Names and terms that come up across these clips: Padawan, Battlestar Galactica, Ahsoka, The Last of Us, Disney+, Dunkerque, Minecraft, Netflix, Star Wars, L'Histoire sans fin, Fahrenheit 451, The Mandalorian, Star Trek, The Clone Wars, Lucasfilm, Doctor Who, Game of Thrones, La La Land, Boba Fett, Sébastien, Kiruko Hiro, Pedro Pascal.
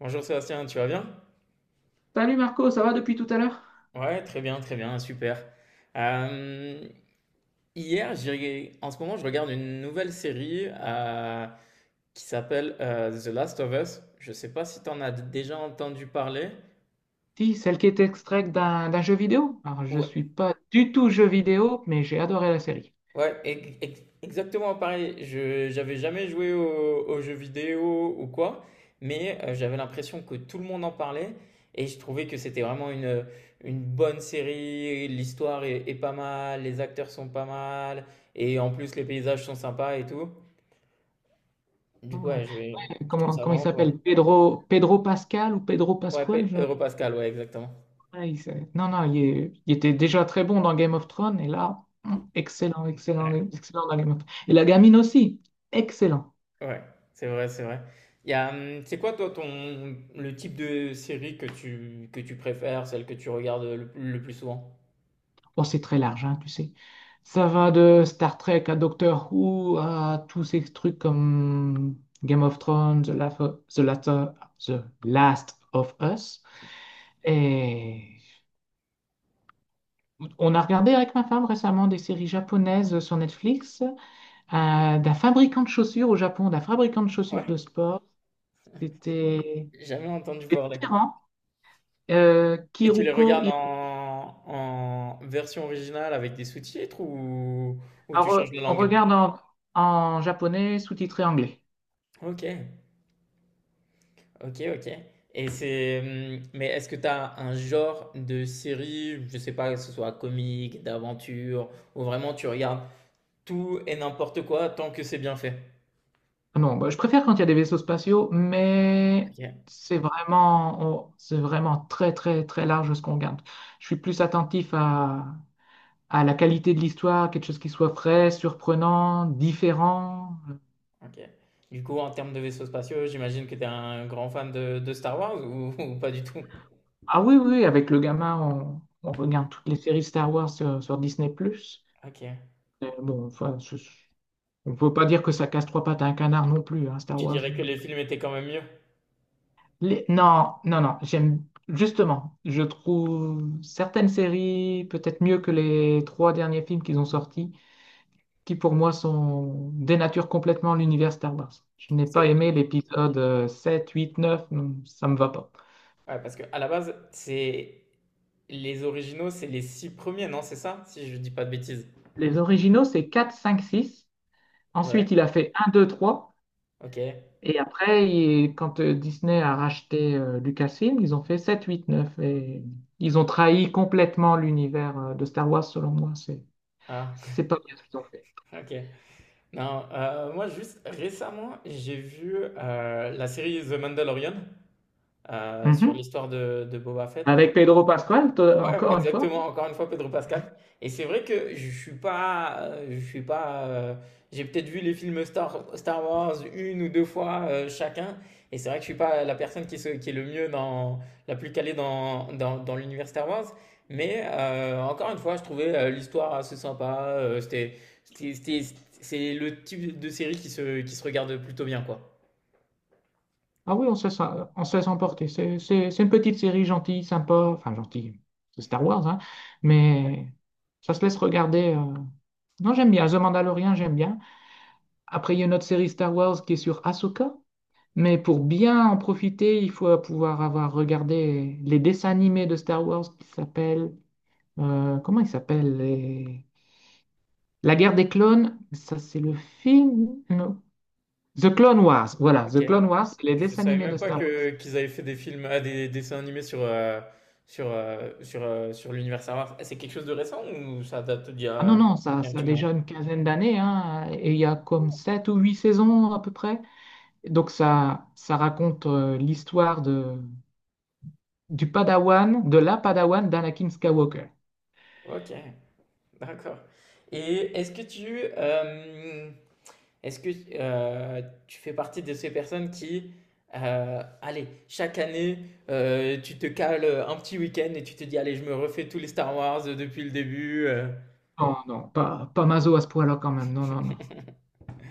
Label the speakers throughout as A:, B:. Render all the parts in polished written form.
A: Bonjour Sébastien, tu vas bien?
B: Salut Marco, ça va depuis tout à l'heure?
A: Ouais, très bien, super. Euh, hier, en ce moment, je regarde une nouvelle série qui s'appelle The Last of Us. Je sais pas si tu en as déjà entendu parler.
B: Si, celle qui est extraite d'un jeu vidéo. Alors, je suis pas du tout jeu vidéo, mais j'ai adoré la série.
A: Ouais, exactement pareil. Je j'avais jamais joué aux, jeux vidéo ou quoi, mais j'avais l'impression que tout le monde en parlait et je trouvais que c'était vraiment une bonne série. L'histoire est pas mal, les acteurs sont pas mal et en plus les paysages sont sympas et tout. Du
B: Non,
A: coup,
B: non.
A: ouais, je trouve
B: Comment,
A: ça
B: comment il
A: vraiment pas mal.
B: s'appelle? Pedro, Pedro Pascal ou Pedro
A: Ouais,
B: Pascual?
A: Pedro Pascal, ouais, exactement.
B: Ouais. Non, non, il était déjà très bon dans Game of Thrones, et là, excellent, excellent, excellent dans Game of Thrones. Et la gamine aussi, excellent.
A: Ouais, c'est vrai, c'est vrai. C'est quoi toi ton le type de série que tu préfères, celle que tu regardes le plus souvent?
B: Bon, c'est très large, hein, tu sais. Ça va de Star Trek à Doctor Who à tous ces trucs comme Game of Thrones, The Last of Us. Et on a regardé avec ma femme récemment des séries japonaises sur Netflix, d'un fabricant de chaussures au Japon, d'un fabricant de chaussures de
A: Ouais.
B: sport. C'était
A: Jamais entendu
B: c'était
A: parler.
B: Terran,
A: Et tu les
B: Kiruko
A: regardes
B: Hiro.
A: en version originale avec des sous-titres ou tu
B: Alors,
A: changes de
B: on
A: langue?
B: regarde en japonais sous-titré anglais.
A: Ok, ok, ok. Et mais est-ce que tu as un genre de série, je sais pas, que ce soit comique, d'aventure, ou vraiment tu regardes tout et n'importe quoi tant que c'est bien fait?
B: Ah non, bah, je préfère quand il y a des vaisseaux spatiaux, mais
A: Ok.
B: c'est vraiment, c'est vraiment très, très, très large ce qu'on regarde. Je suis plus attentif à la qualité de l'histoire, quelque chose qui soit frais, surprenant, différent.
A: OK. Du coup, en termes de vaisseaux spatiaux, j'imagine que tu es un grand fan de Star Wars ou, ou pas du tout?
B: Ah oui, oui, oui, avec le gamin, on regarde toutes les séries Star Wars sur Disney+.
A: OK.
B: Bon, enfin, on ne peut pas dire que ça casse trois pattes à un canard non plus, hein, Star
A: Tu
B: Wars.
A: dirais que les films étaient quand même mieux?
B: Non, non, non, j'aime justement, je trouve certaines séries peut-être mieux que les trois derniers films qu'ils ont sortis, qui pour moi sont dénaturent complètement l'univers Star Wars. Je n'ai
A: Parce
B: pas
A: que,
B: aimé l'épisode 7, 8, 9, non, ça me va pas.
A: ouais, parce que à la base, c'est les originaux, c'est les six premiers, non? C'est ça? Si je dis pas de bêtises.
B: Les originaux, c'est quatre, cinq, six. Ensuite,
A: Ouais,
B: il a fait un, 2, 3.
A: ok.
B: Et après, quand Disney a racheté Lucasfilm, ils ont fait 7, 8, neuf. Et ils ont trahi complètement l'univers de Star Wars, selon moi. C'est
A: Ah,
B: c'est pas bien ce qu'ils ont fait.
A: ok. Non, moi juste récemment, j'ai vu la série The Mandalorian sur
B: Mhm.
A: l'histoire de Boba Fett.
B: Avec Pedro Pascal,
A: Ouais, ouais,
B: encore une fois.
A: exactement, encore une fois Pedro Pascal. Et c'est vrai que je suis pas, j'ai peut-être vu les films Star Wars une ou deux fois chacun, et c'est vrai que je suis pas la personne qui est le mieux dans, la plus calée dans l'univers Star Wars, mais encore une fois, je trouvais l'histoire assez sympa, c'était, c'était- c'est le type de série qui se regarde plutôt bien, quoi.
B: Ah oui, on se laisse emporter. C'est une petite série gentille, sympa. Enfin, gentille, c'est Star Wars, hein. Mais ça se laisse regarder. Non, j'aime bien. The Mandalorian, j'aime bien. Après, il y a une autre série Star Wars qui est sur Ahsoka. Mais pour bien en profiter, il faut pouvoir avoir regardé les dessins animés de Star Wars qui s'appellent, comment ils s'appellent? La guerre des clones. Ça, c'est le film. The Clone Wars, voilà,
A: Ok.
B: The Clone Wars, c'est les
A: Je
B: dessins
A: savais
B: animés de
A: même pas
B: Star Wars.
A: que qu'ils avaient fait des films, ah, des, dessins animés sur l'univers Star Wars. C'est quelque chose de récent ou ça date
B: Ah non, non, ça,
A: il y a un
B: ça a
A: petit moment?
B: déjà une quinzaine d'années, hein, et il y a comme sept ou huit saisons à peu près. Donc ça raconte l'histoire du Padawan, de la Padawan d'Anakin Skywalker.
A: Ok, d'accord. Et est-ce que tu fais partie de ces personnes qui allez, chaque année, tu te cales un petit week-end et tu te dis, allez, je me refais tous les Star Wars depuis le début.
B: Non, non, pas Mazo à ce point-là quand même, non, non, non.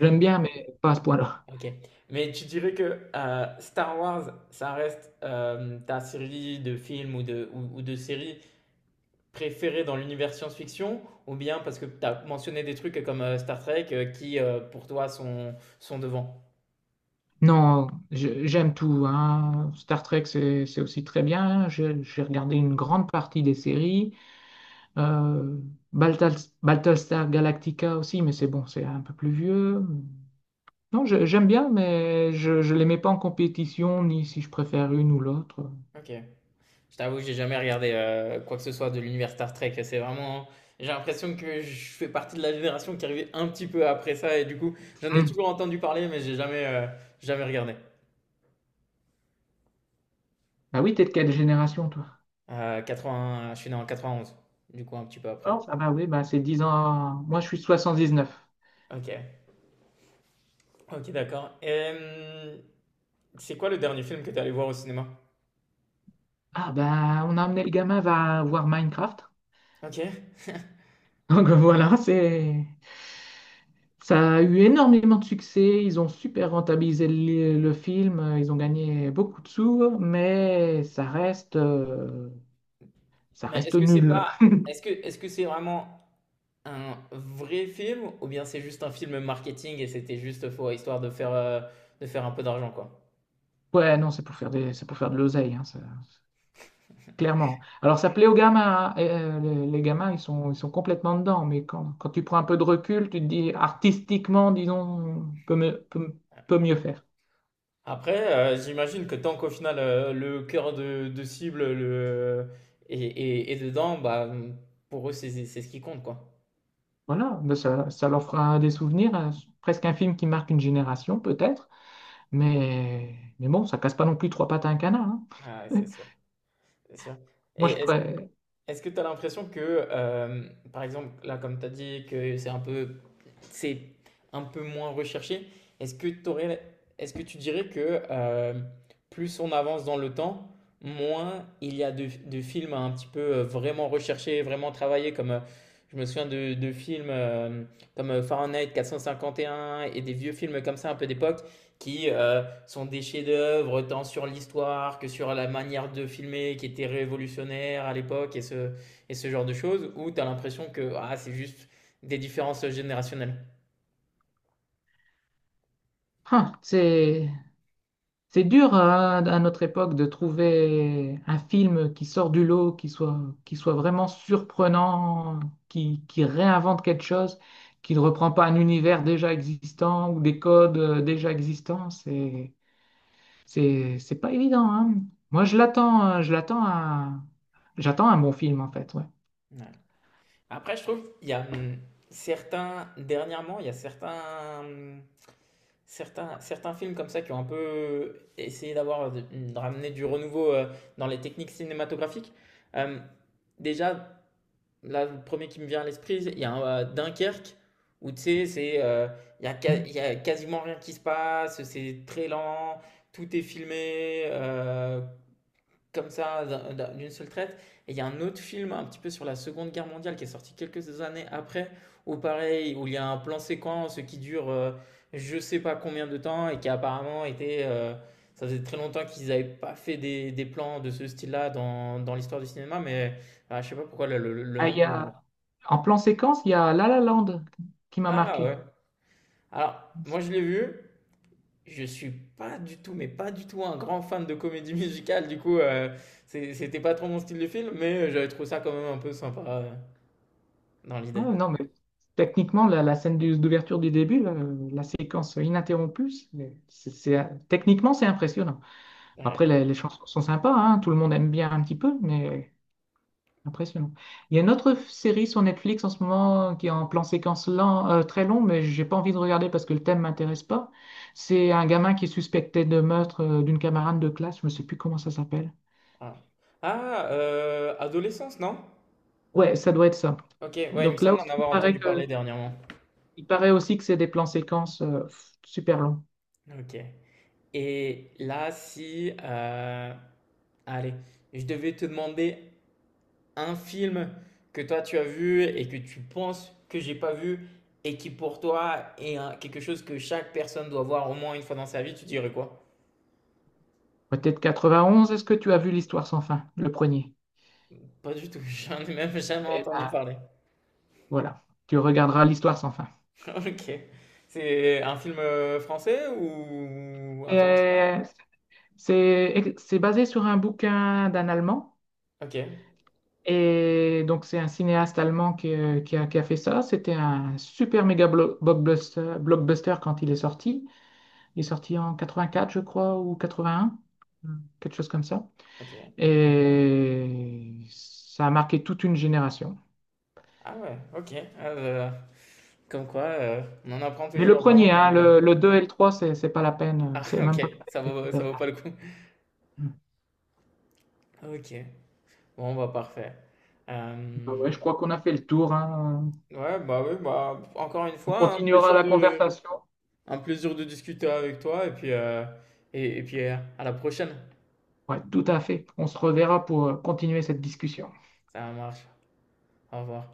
B: J'aime bien, mais pas à ce point-là.
A: Ok. Mais tu dirais que Star Wars, ça reste ta série de films ou de séries préférée dans l'univers science-fiction, ou bien parce que tu as mentionné des trucs comme Star Trek qui, pour toi, sont devant.
B: Non, j'aime tout, hein. Star Trek, c'est aussi très bien. J'ai regardé une grande partie des séries. Euh, Battlestar Galactica aussi, mais c'est bon, c'est un peu plus vieux. Non, j'aime bien, mais je ne les mets pas en compétition, ni si je préfère une ou l'autre.
A: Ok. Je t'avoue, j'ai jamais regardé quoi que ce soit de l'univers Star Trek. C'est vraiment. J'ai l'impression que je fais partie de la génération qui arrivait un petit peu après ça, et du coup, j'en ai
B: Hmm.
A: toujours entendu parler, mais j'ai jamais regardé.
B: Ah oui, t'es de quelle génération, toi?
A: 80. Je suis né en 91, du coup, un petit peu après.
B: Alors, ah bah oui, bah c'est 10 ans. Moi, je suis 79.
A: Ok, ok, d'accord. C'est quoi le dernier film que t'es allé voir au cinéma?
B: Ah bah, on a amené le gamin va voir Minecraft.
A: Ok.
B: Donc voilà, c'est. Ça a eu énormément de succès, ils ont super rentabilisé le film, ils ont gagné beaucoup de sous, mais ça
A: Mais
B: reste
A: est-ce que c'est
B: nul.
A: pas, est-ce que c'est vraiment un vrai film ou bien c'est juste un film marketing et c'était juste faux histoire de faire un peu d'argent quoi?
B: Ouais, non, c'est pour faire de l'oseille, hein, clairement. Alors ça plaît aux gamins, hein, et, les gamins, ils sont complètement dedans, mais quand tu prends un peu de recul, tu te dis artistiquement, disons, peut mieux faire.
A: Après, j'imagine que tant qu'au final le cœur de cible est dedans, bah pour eux c'est ce qui compte quoi.
B: Voilà, ben ça leur fera des souvenirs, presque un film qui marque une génération peut-être, mais bon, ça casse pas non plus trois pattes à un canard, hein.
A: Ah, ouais, c'est sûr, c'est sûr.
B: Moi,
A: Et
B: je
A: est-ce
B: pré-
A: Est-ce que tu as l'impression que, par exemple, là, comme tu as dit, que c'est un peu moins recherché. Est-ce que, t'aurais- est-ce que tu dirais que plus on avance dans le temps, moins il y a de films un petit peu vraiment recherchés, vraiment travaillés, comme je me souviens de films comme Fahrenheit 451 et des vieux films comme ça un peu d'époque qui sont des chefs-d'œuvre tant sur l'histoire que sur la manière de filmer qui était révolutionnaire à l'époque et ce genre de choses, où tu as l'impression que ah, c'est juste des différences générationnelles.
B: Hein, c'est dur hein, à notre époque de trouver un film qui sort du lot, qui soit vraiment surprenant, qui réinvente quelque chose, qui ne reprend pas un univers déjà existant ou des codes déjà existants. C'est pas évident, hein. Moi, je l'attends à... J'attends un bon film, en fait, ouais.
A: Ouais. Après, je trouve il y a certains dernièrement, il y a certains certains films comme ça qui ont un peu essayé d'avoir de ramener du renouveau dans les techniques cinématographiques. Euh, déjà, là, le premier qui me vient à l'esprit, il y a Dunkerque où tu sais, c'est il y a,
B: Mm.
A: il y a quasiment rien qui se passe, c'est très lent, tout est filmé, comme ça d'une seule traite. Et il y a un autre film un petit peu sur la Seconde Guerre mondiale qui est sorti quelques années après, où pareil, où il y a un plan séquence qui dure je sais pas combien de temps et qui a apparemment ça faisait très longtemps qu'ils n'avaient pas fait des plans de ce style-là dans l'histoire du cinéma, mais je sais pas pourquoi le
B: Ah,
A: nom...
B: il y a... En plan séquence, il y a La La Land qui m'a
A: Ah
B: marqué.
A: ouais. Alors, moi je l'ai vu. Je suis pas du tout, mais pas du tout un grand fan de comédie musicale, du coup, c'était pas trop mon style de film, mais j'avais trouvé ça quand même un peu sympa dans l'idée.
B: Ouais, non, mais techniquement, la scène d'ouverture du début, là, la séquence ininterrompue, c'est techniquement, c'est impressionnant.
A: Ouais.
B: Après, les chansons sont sympas, hein, tout le monde aime bien un petit peu, mais impressionnant. Il y a une autre série sur Netflix en ce moment qui est en plan séquence lent, très long, mais j'ai pas envie de regarder parce que le thème m'intéresse pas. C'est un gamin qui est suspecté de meurtre d'une camarade de classe, je ne sais plus comment ça s'appelle.
A: Ah, Ah, Adolescence, non?
B: Ouais, ça doit être ça.
A: Ok, ouais, il me
B: Donc là
A: semble
B: aussi,
A: en avoir entendu parler dernièrement.
B: il paraît aussi que c'est des plans séquences super longs.
A: Ok. Et là, si, allez, je devais te demander un film que toi tu as vu et que tu penses que j'ai pas vu et qui pour toi est quelque chose que chaque personne doit voir au moins une fois dans sa vie, tu dirais quoi?
B: Peut-être 91, est-ce que tu as vu L'Histoire sans fin, le premier?
A: Pas du tout, j'en ai même jamais
B: Et
A: entendu
B: bah,
A: parler.
B: voilà, tu regarderas l'histoire sans fin.
A: Ok. C'est un film français ou
B: Et,
A: international?
B: c'est basé sur un bouquin d'un Allemand.
A: Ok.
B: Et donc, c'est un cinéaste allemand qui a fait ça. C'était un super méga blockbuster quand il est sorti. Il est sorti en 84, je crois, ou 81, quelque chose comme ça.
A: Ok.
B: Et ça a marqué toute une génération.
A: Ah ouais, ok. Ah, comme quoi, on en apprend
B: Mais le
A: toujours, vraiment
B: premier, hein,
A: jamais.
B: le 2 et le trois, c'est pas la peine.
A: Ah
B: C'est
A: ok,
B: même pas
A: ça
B: la
A: vaut, ça
B: peine.
A: vaut pas le coup. Ok. Bon, bah parfait.
B: Bah
A: Euh,
B: ouais, je crois qu'on a fait le tour, hein.
A: Ouais, bah oui, bah encore une
B: On
A: fois, un
B: continuera
A: plaisir
B: la
A: de,
B: conversation.
A: un plaisir de discuter avec toi et puis, à la prochaine.
B: Ouais, tout à fait. On se reverra pour continuer cette discussion.
A: Ça marche. Au revoir.